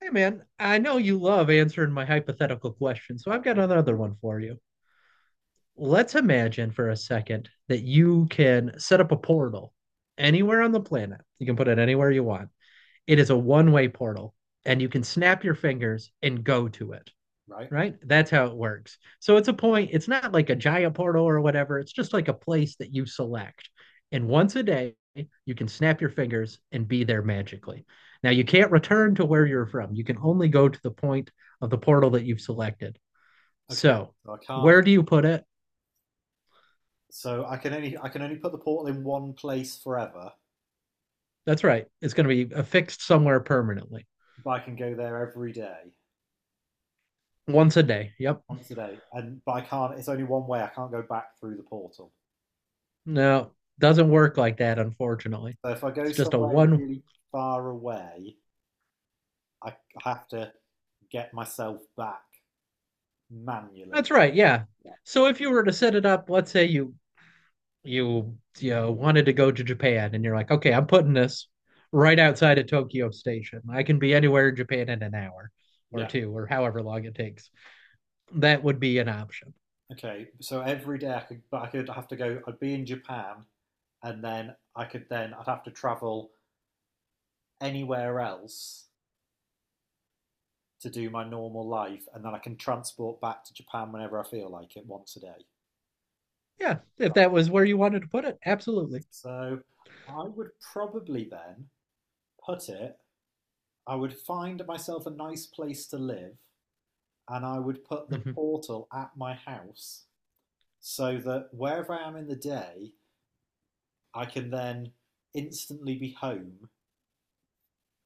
Hey man, I know you love answering my hypothetical questions, so Uh, I've got another one for you. Let's imagine for a second that you can set up a portal anywhere on the planet. You can put it anywhere you want. It is a one-way portal, and you can snap your fingers and go to it Right. right? That's how it works. So it's a point, it's not like a Jaya portal or whatever. It's just like a place that you select. And once a day, you can snap your fingers and be there magically. Now, you can't return to where you're from. You can only go to the point of the portal that you've selected. Okay. So, So I can't. where do you put it? So I can only put the portal in one place forever, That's right. It's going to be affixed somewhere permanently but I can go there every day, once a day. Yep. once a day, and but I can't. It's only one way. I can't go back through the portal. No, doesn't work like that, unfortunately. So if I go It's just a somewhere one. really far away, I I have to get myself back manually. That's right. Yeah. Yeah. So, if you were to set it up, let's say you wanted to go to Japan and you're like, okay, I'm putting this right outside of Tokyo Station. I can be anywhere in Japan in an hour or Yeah. two or however long it takes. That would be an option. Okay. So every day I could, but I could have to go. I'd be in Japan, and then I could then I'd have to travel anywhere else to do my normal life, and then I can transport back to Japan whenever I feel like it once a day. Yeah, if Right. that was where you wanted to put it, absolutely. So I would probably then put it, I would find myself a nice place to live, and I would put the hmm portal at my house so that wherever I am in the day, I can then instantly be home,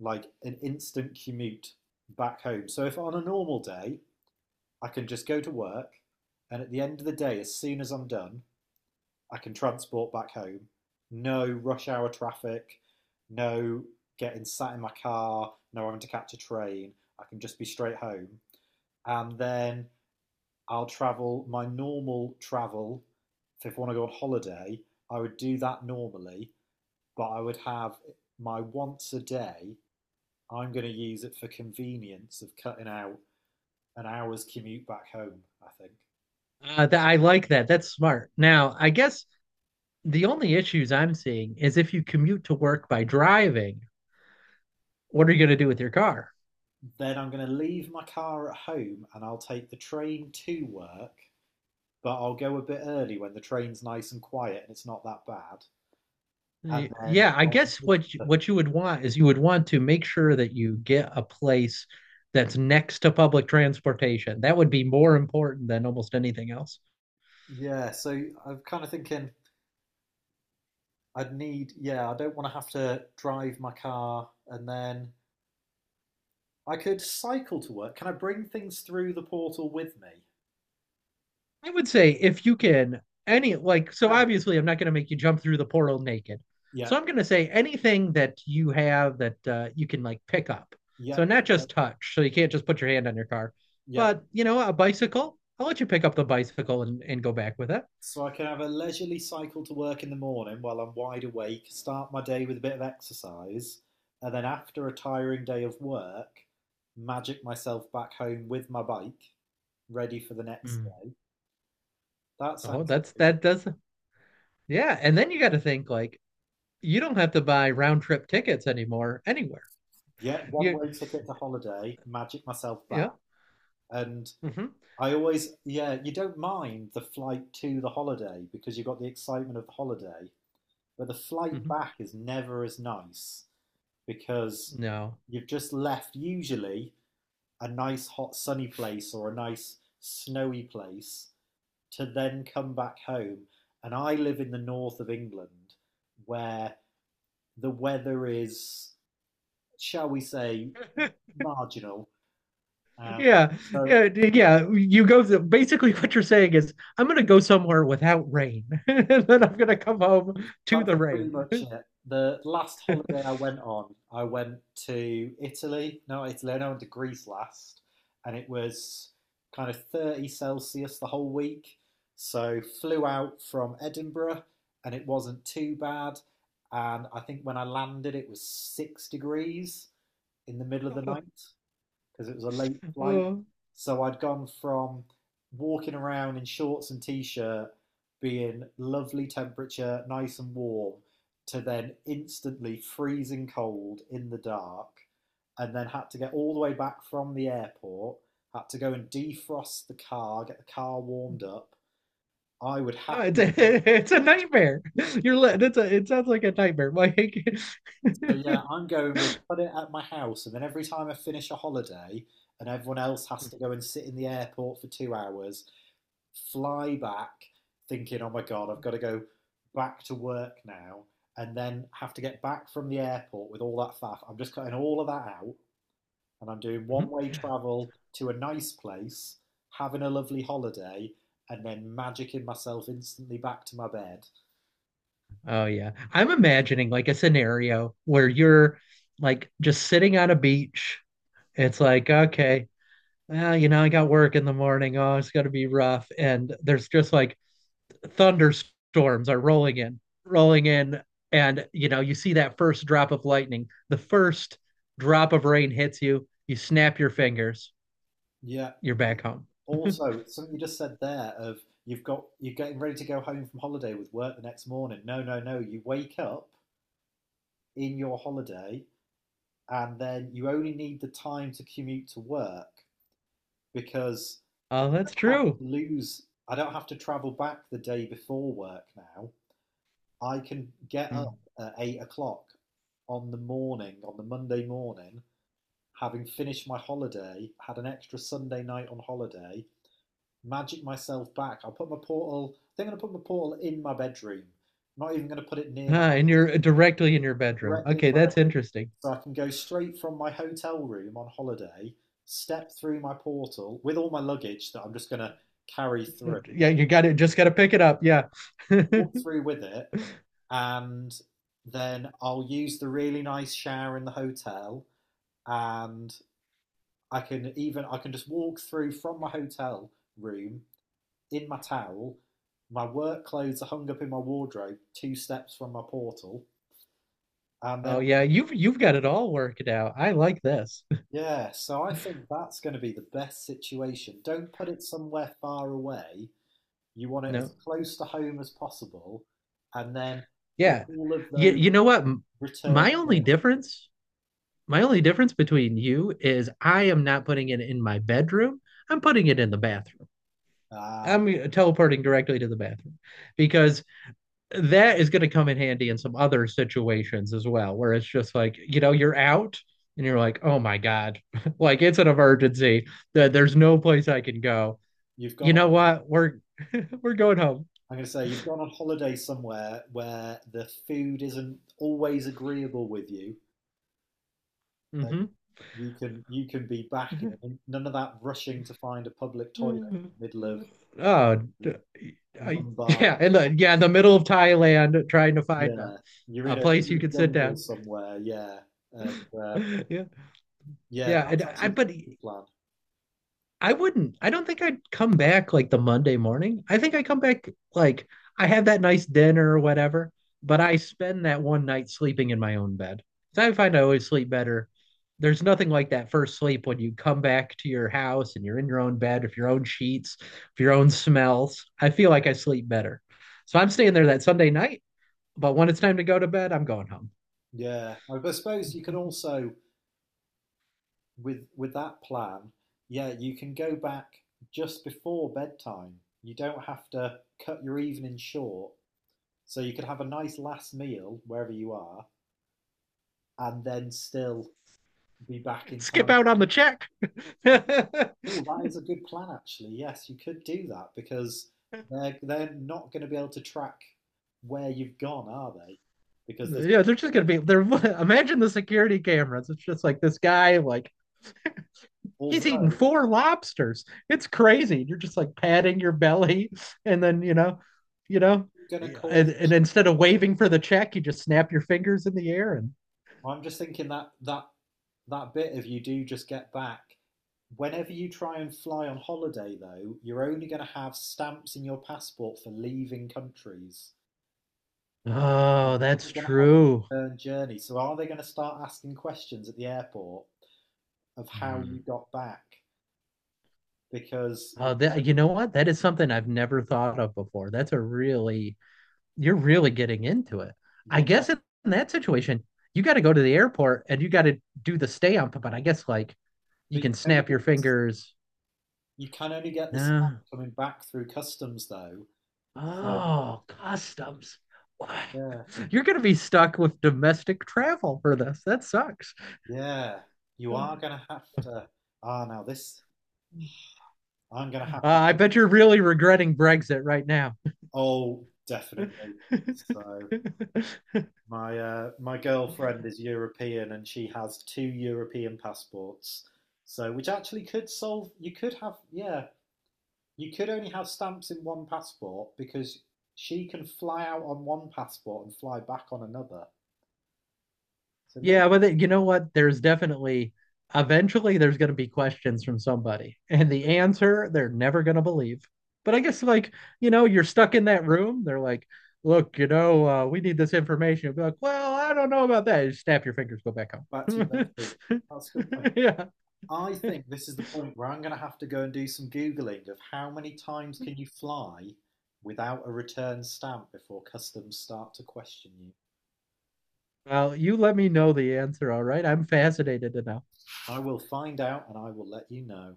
like an instant commute back home. So if on a normal day, I can just go to work, and at the end of the day, as soon as I'm done, I can transport back home. No rush hour traffic, no getting sat in my car, no having to catch a train. I can just be straight home. And then I'll travel my normal travel. So if I want to go on holiday, I would do that normally, but I would have my once a day. I'm going to use it for convenience of cutting out an hour's commute back home, I think. I like that. That's smart. Now, I guess the only issues I'm seeing is if you commute to work by driving, what are you going to do with your car? Then I'm going to leave my car at home and I'll take the train to work, but I'll go a bit early when the train's nice and quiet and it's not that bad. And then Yeah, I I'll guess what you would want is you would want to make sure that you get a place that's next to public transportation. That would be more important than almost anything else. Yeah, so I'm kind of thinking, I'd need yeah, I don't want to have to drive my car, and then I could cycle to work. Can I bring things through the portal with me? I would say if you can any like so Harry. obviously I'm not going to make you jump through the portal naked. Yeah, So I'm going to say anything that you have that you can like pick up. yeah, So not uh, just touch. So you can't just put your hand on your car, yeah. but you know a bicycle. I'll let you pick up the bicycle and go back with it. So I can have a leisurely cycle to work in the morning while I'm wide awake, start my day with a bit of exercise, and then after a tiring day of work, magic myself back home with my bike, ready for the next Hmm. day. That Oh, sounds that's pretty good. that does Yeah, and then you got to think like you don't have to buy round trip tickets anymore anywhere. Yeah, one You way ticket to holiday, magic myself back. yeah. And hmm yeah, you don't mind the flight to the holiday because you've got the excitement of the holiday, but the flight hmm back is never as nice because No. you've just left usually a nice hot sunny place or a nice snowy place to then come back home. And I live in the north of England where the weather is, shall we say, marginal. Um, Yeah. so Yeah, basically what you're saying is I'm going to go somewhere without rain and then I'm going yeah, to come home to that's the pretty rain. much it. The last holiday I went on, I went to Italy. No, not Italy. I went to Greece last, and it was kind of 30°C Celsius the whole week. So flew out from Edinburgh, and it wasn't too bad. And I think when I landed, it was 6 degrees in the middle of the Oh, night because it was a late flight. oh. So I'd gone from walking around in shorts and t shirt, being lovely temperature, nice and warm, to then instantly freezing cold in the dark, and then had to get all the way back from the airport, had to go and defrost the car, get the car warmed up. I would Oh, it's happily. a, it's a nightmare. It's a it sounds like a nightmare. Like So yeah, I'm going with put it at my house, and then every time I finish a holiday, and everyone else has to go and sit in the airport for 2 hours, fly back thinking, oh my God, I've got to go back to work now and then have to get back from the airport with all that faff. I'm just cutting all of that out and I'm doing one Mhm. way travel to a nice place, having a lovely holiday, and then magicking myself instantly back to my bed. Oh yeah. I'm imagining like a scenario where you're like just sitting on a beach. It's like, okay, well, you know, I got work in the morning. Oh, it's gonna be rough. And there's just like thunderstorms are rolling in, rolling in, and you know, you see that first drop of lightning. The first drop of rain hits you, you snap your fingers, Yeah. you're And back home. also, something you just said there of you've got, you're getting ready to go home from holiday with work the next morning. No, no, no. You wake up in your holiday, and then you only need the time to commute to work because Oh, that's true. I don't have to travel back the day before work now. I can get up Hmm. at 8 o'clock on the Monday morning, having finished my holiday, had an extra Sunday night on holiday, magic myself back. I think I'm going to put my portal in my bedroom. I'm not even going to put it near my Ah, and house, you're directly in your bedroom. directly Okay, from that's Edinburgh. interesting. So I can go straight from my hotel room on holiday, step through my portal with all my luggage that I'm just going to carry through, Yeah, you got it. Just got to pick it up. Yeah. walk through with it, and then I'll use the really nice shower in the hotel, and I can just walk through from my hotel room in my towel. My work clothes are hung up in my wardrobe, two steps from my portal, and then Oh yeah, you've got it all worked out. I like this. yeah, so I think that's going to be the best situation. Don't put it somewhere far away. You want it as No. close to home as possible, and then Yeah. all of those You know what? Return My only journeys. difference, my only difference between you is I am not putting it in my bedroom. I'm putting it in the bathroom. Ah, I'm teleporting directly to the bathroom because that is going to come in handy in some other situations as well, where it's just like, you know, you're out and you're like, oh my God, like it's an emergency that there's no place I can go. you've You gone on, know what? We're going home. I'm going to say you've gone on holiday somewhere where the food isn't always agreeable with you, and hmm you can be back, in none of that rushing to find a public toilet Mm. in the middle of Oh, d- Mumbai. Yeah, in the middle of Thailand, trying to find Yeah, you're a in a place you're you in a could sit jungle down. somewhere. Yeah, and uh, Yeah, yeah, yeah, and that's I actually a but good plan. I wouldn't. I don't think I'd come back like the Monday morning. I think I come back like I have that nice dinner or whatever, but I spend that one night sleeping in my own bed. So I find I always sleep better. There's nothing like that first sleep when you come back to your house and you're in your own bed with your own sheets, with your own smells. I feel like I sleep better. So I'm staying there that Sunday night, but when it's time to go to bed, I'm going home. Yeah, I suppose you can also, with that plan, yeah, you can go back just before bedtime. You don't have to cut your evening short, so you could have a nice last meal wherever you are, and then still be back in Skip time. out on the check. Oh, that is a good plan, actually. Yes, you could do that because they're not going to be able to track where you've gone, are they? Because there's, Yeah, they're just gonna be they're imagine the security cameras. It's just like this guy, like he's eating although four lobsters. It's crazy. You're just like patting your belly and then you know, it's going to and, cause. and instead of waving for the check, you just snap your fingers in the air and I'm just thinking that that bit, if you do just get back. Whenever you try and fly on holiday, though, you're only going to have stamps in your passport for leaving countries. oh, that's You're going to have true. a return journey. So are they going to start asking questions at the airport of how you Hmm. got back? Because you Oh, that you know what? That is something I've never thought of before. That's a really you're really getting into it. I Yeah, guess in that situation, you got to go to the airport and you got to do the stamp. But I guess like you but you can can only snap your get fingers. you can only get the stuff No. coming back through customs though. So Oh, customs. Wow. yeah, You're going to be stuck with domestic travel for this. That sucks. yeah, you Uh, are gonna have to. Ah, now this, I'm gonna have to I bet you're really regretting Brexit right now. Oh, definitely. So my girlfriend is European and she has two European passports. So which actually could solve. You could have, yeah. You could only have stamps in one passport because she can fly out on one passport and fly back on another. So maybe Yeah, you know what? There's definitely eventually there's going to be questions from somebody, and the answer they're never going to believe. But I guess like you know you're stuck in that room. They're like, look, you know, we need this information. You'll be like, well, I don't know about that. You snap your fingers, go back back to your home. bedroom. That's a good point. Yeah. I think this is the point where I'm going to have to go and do some googling of how many times can you fly without a return stamp before customs start to question you. Well, you let me know the answer, all right? I'm fascinated to know. I will find out and I will let you know.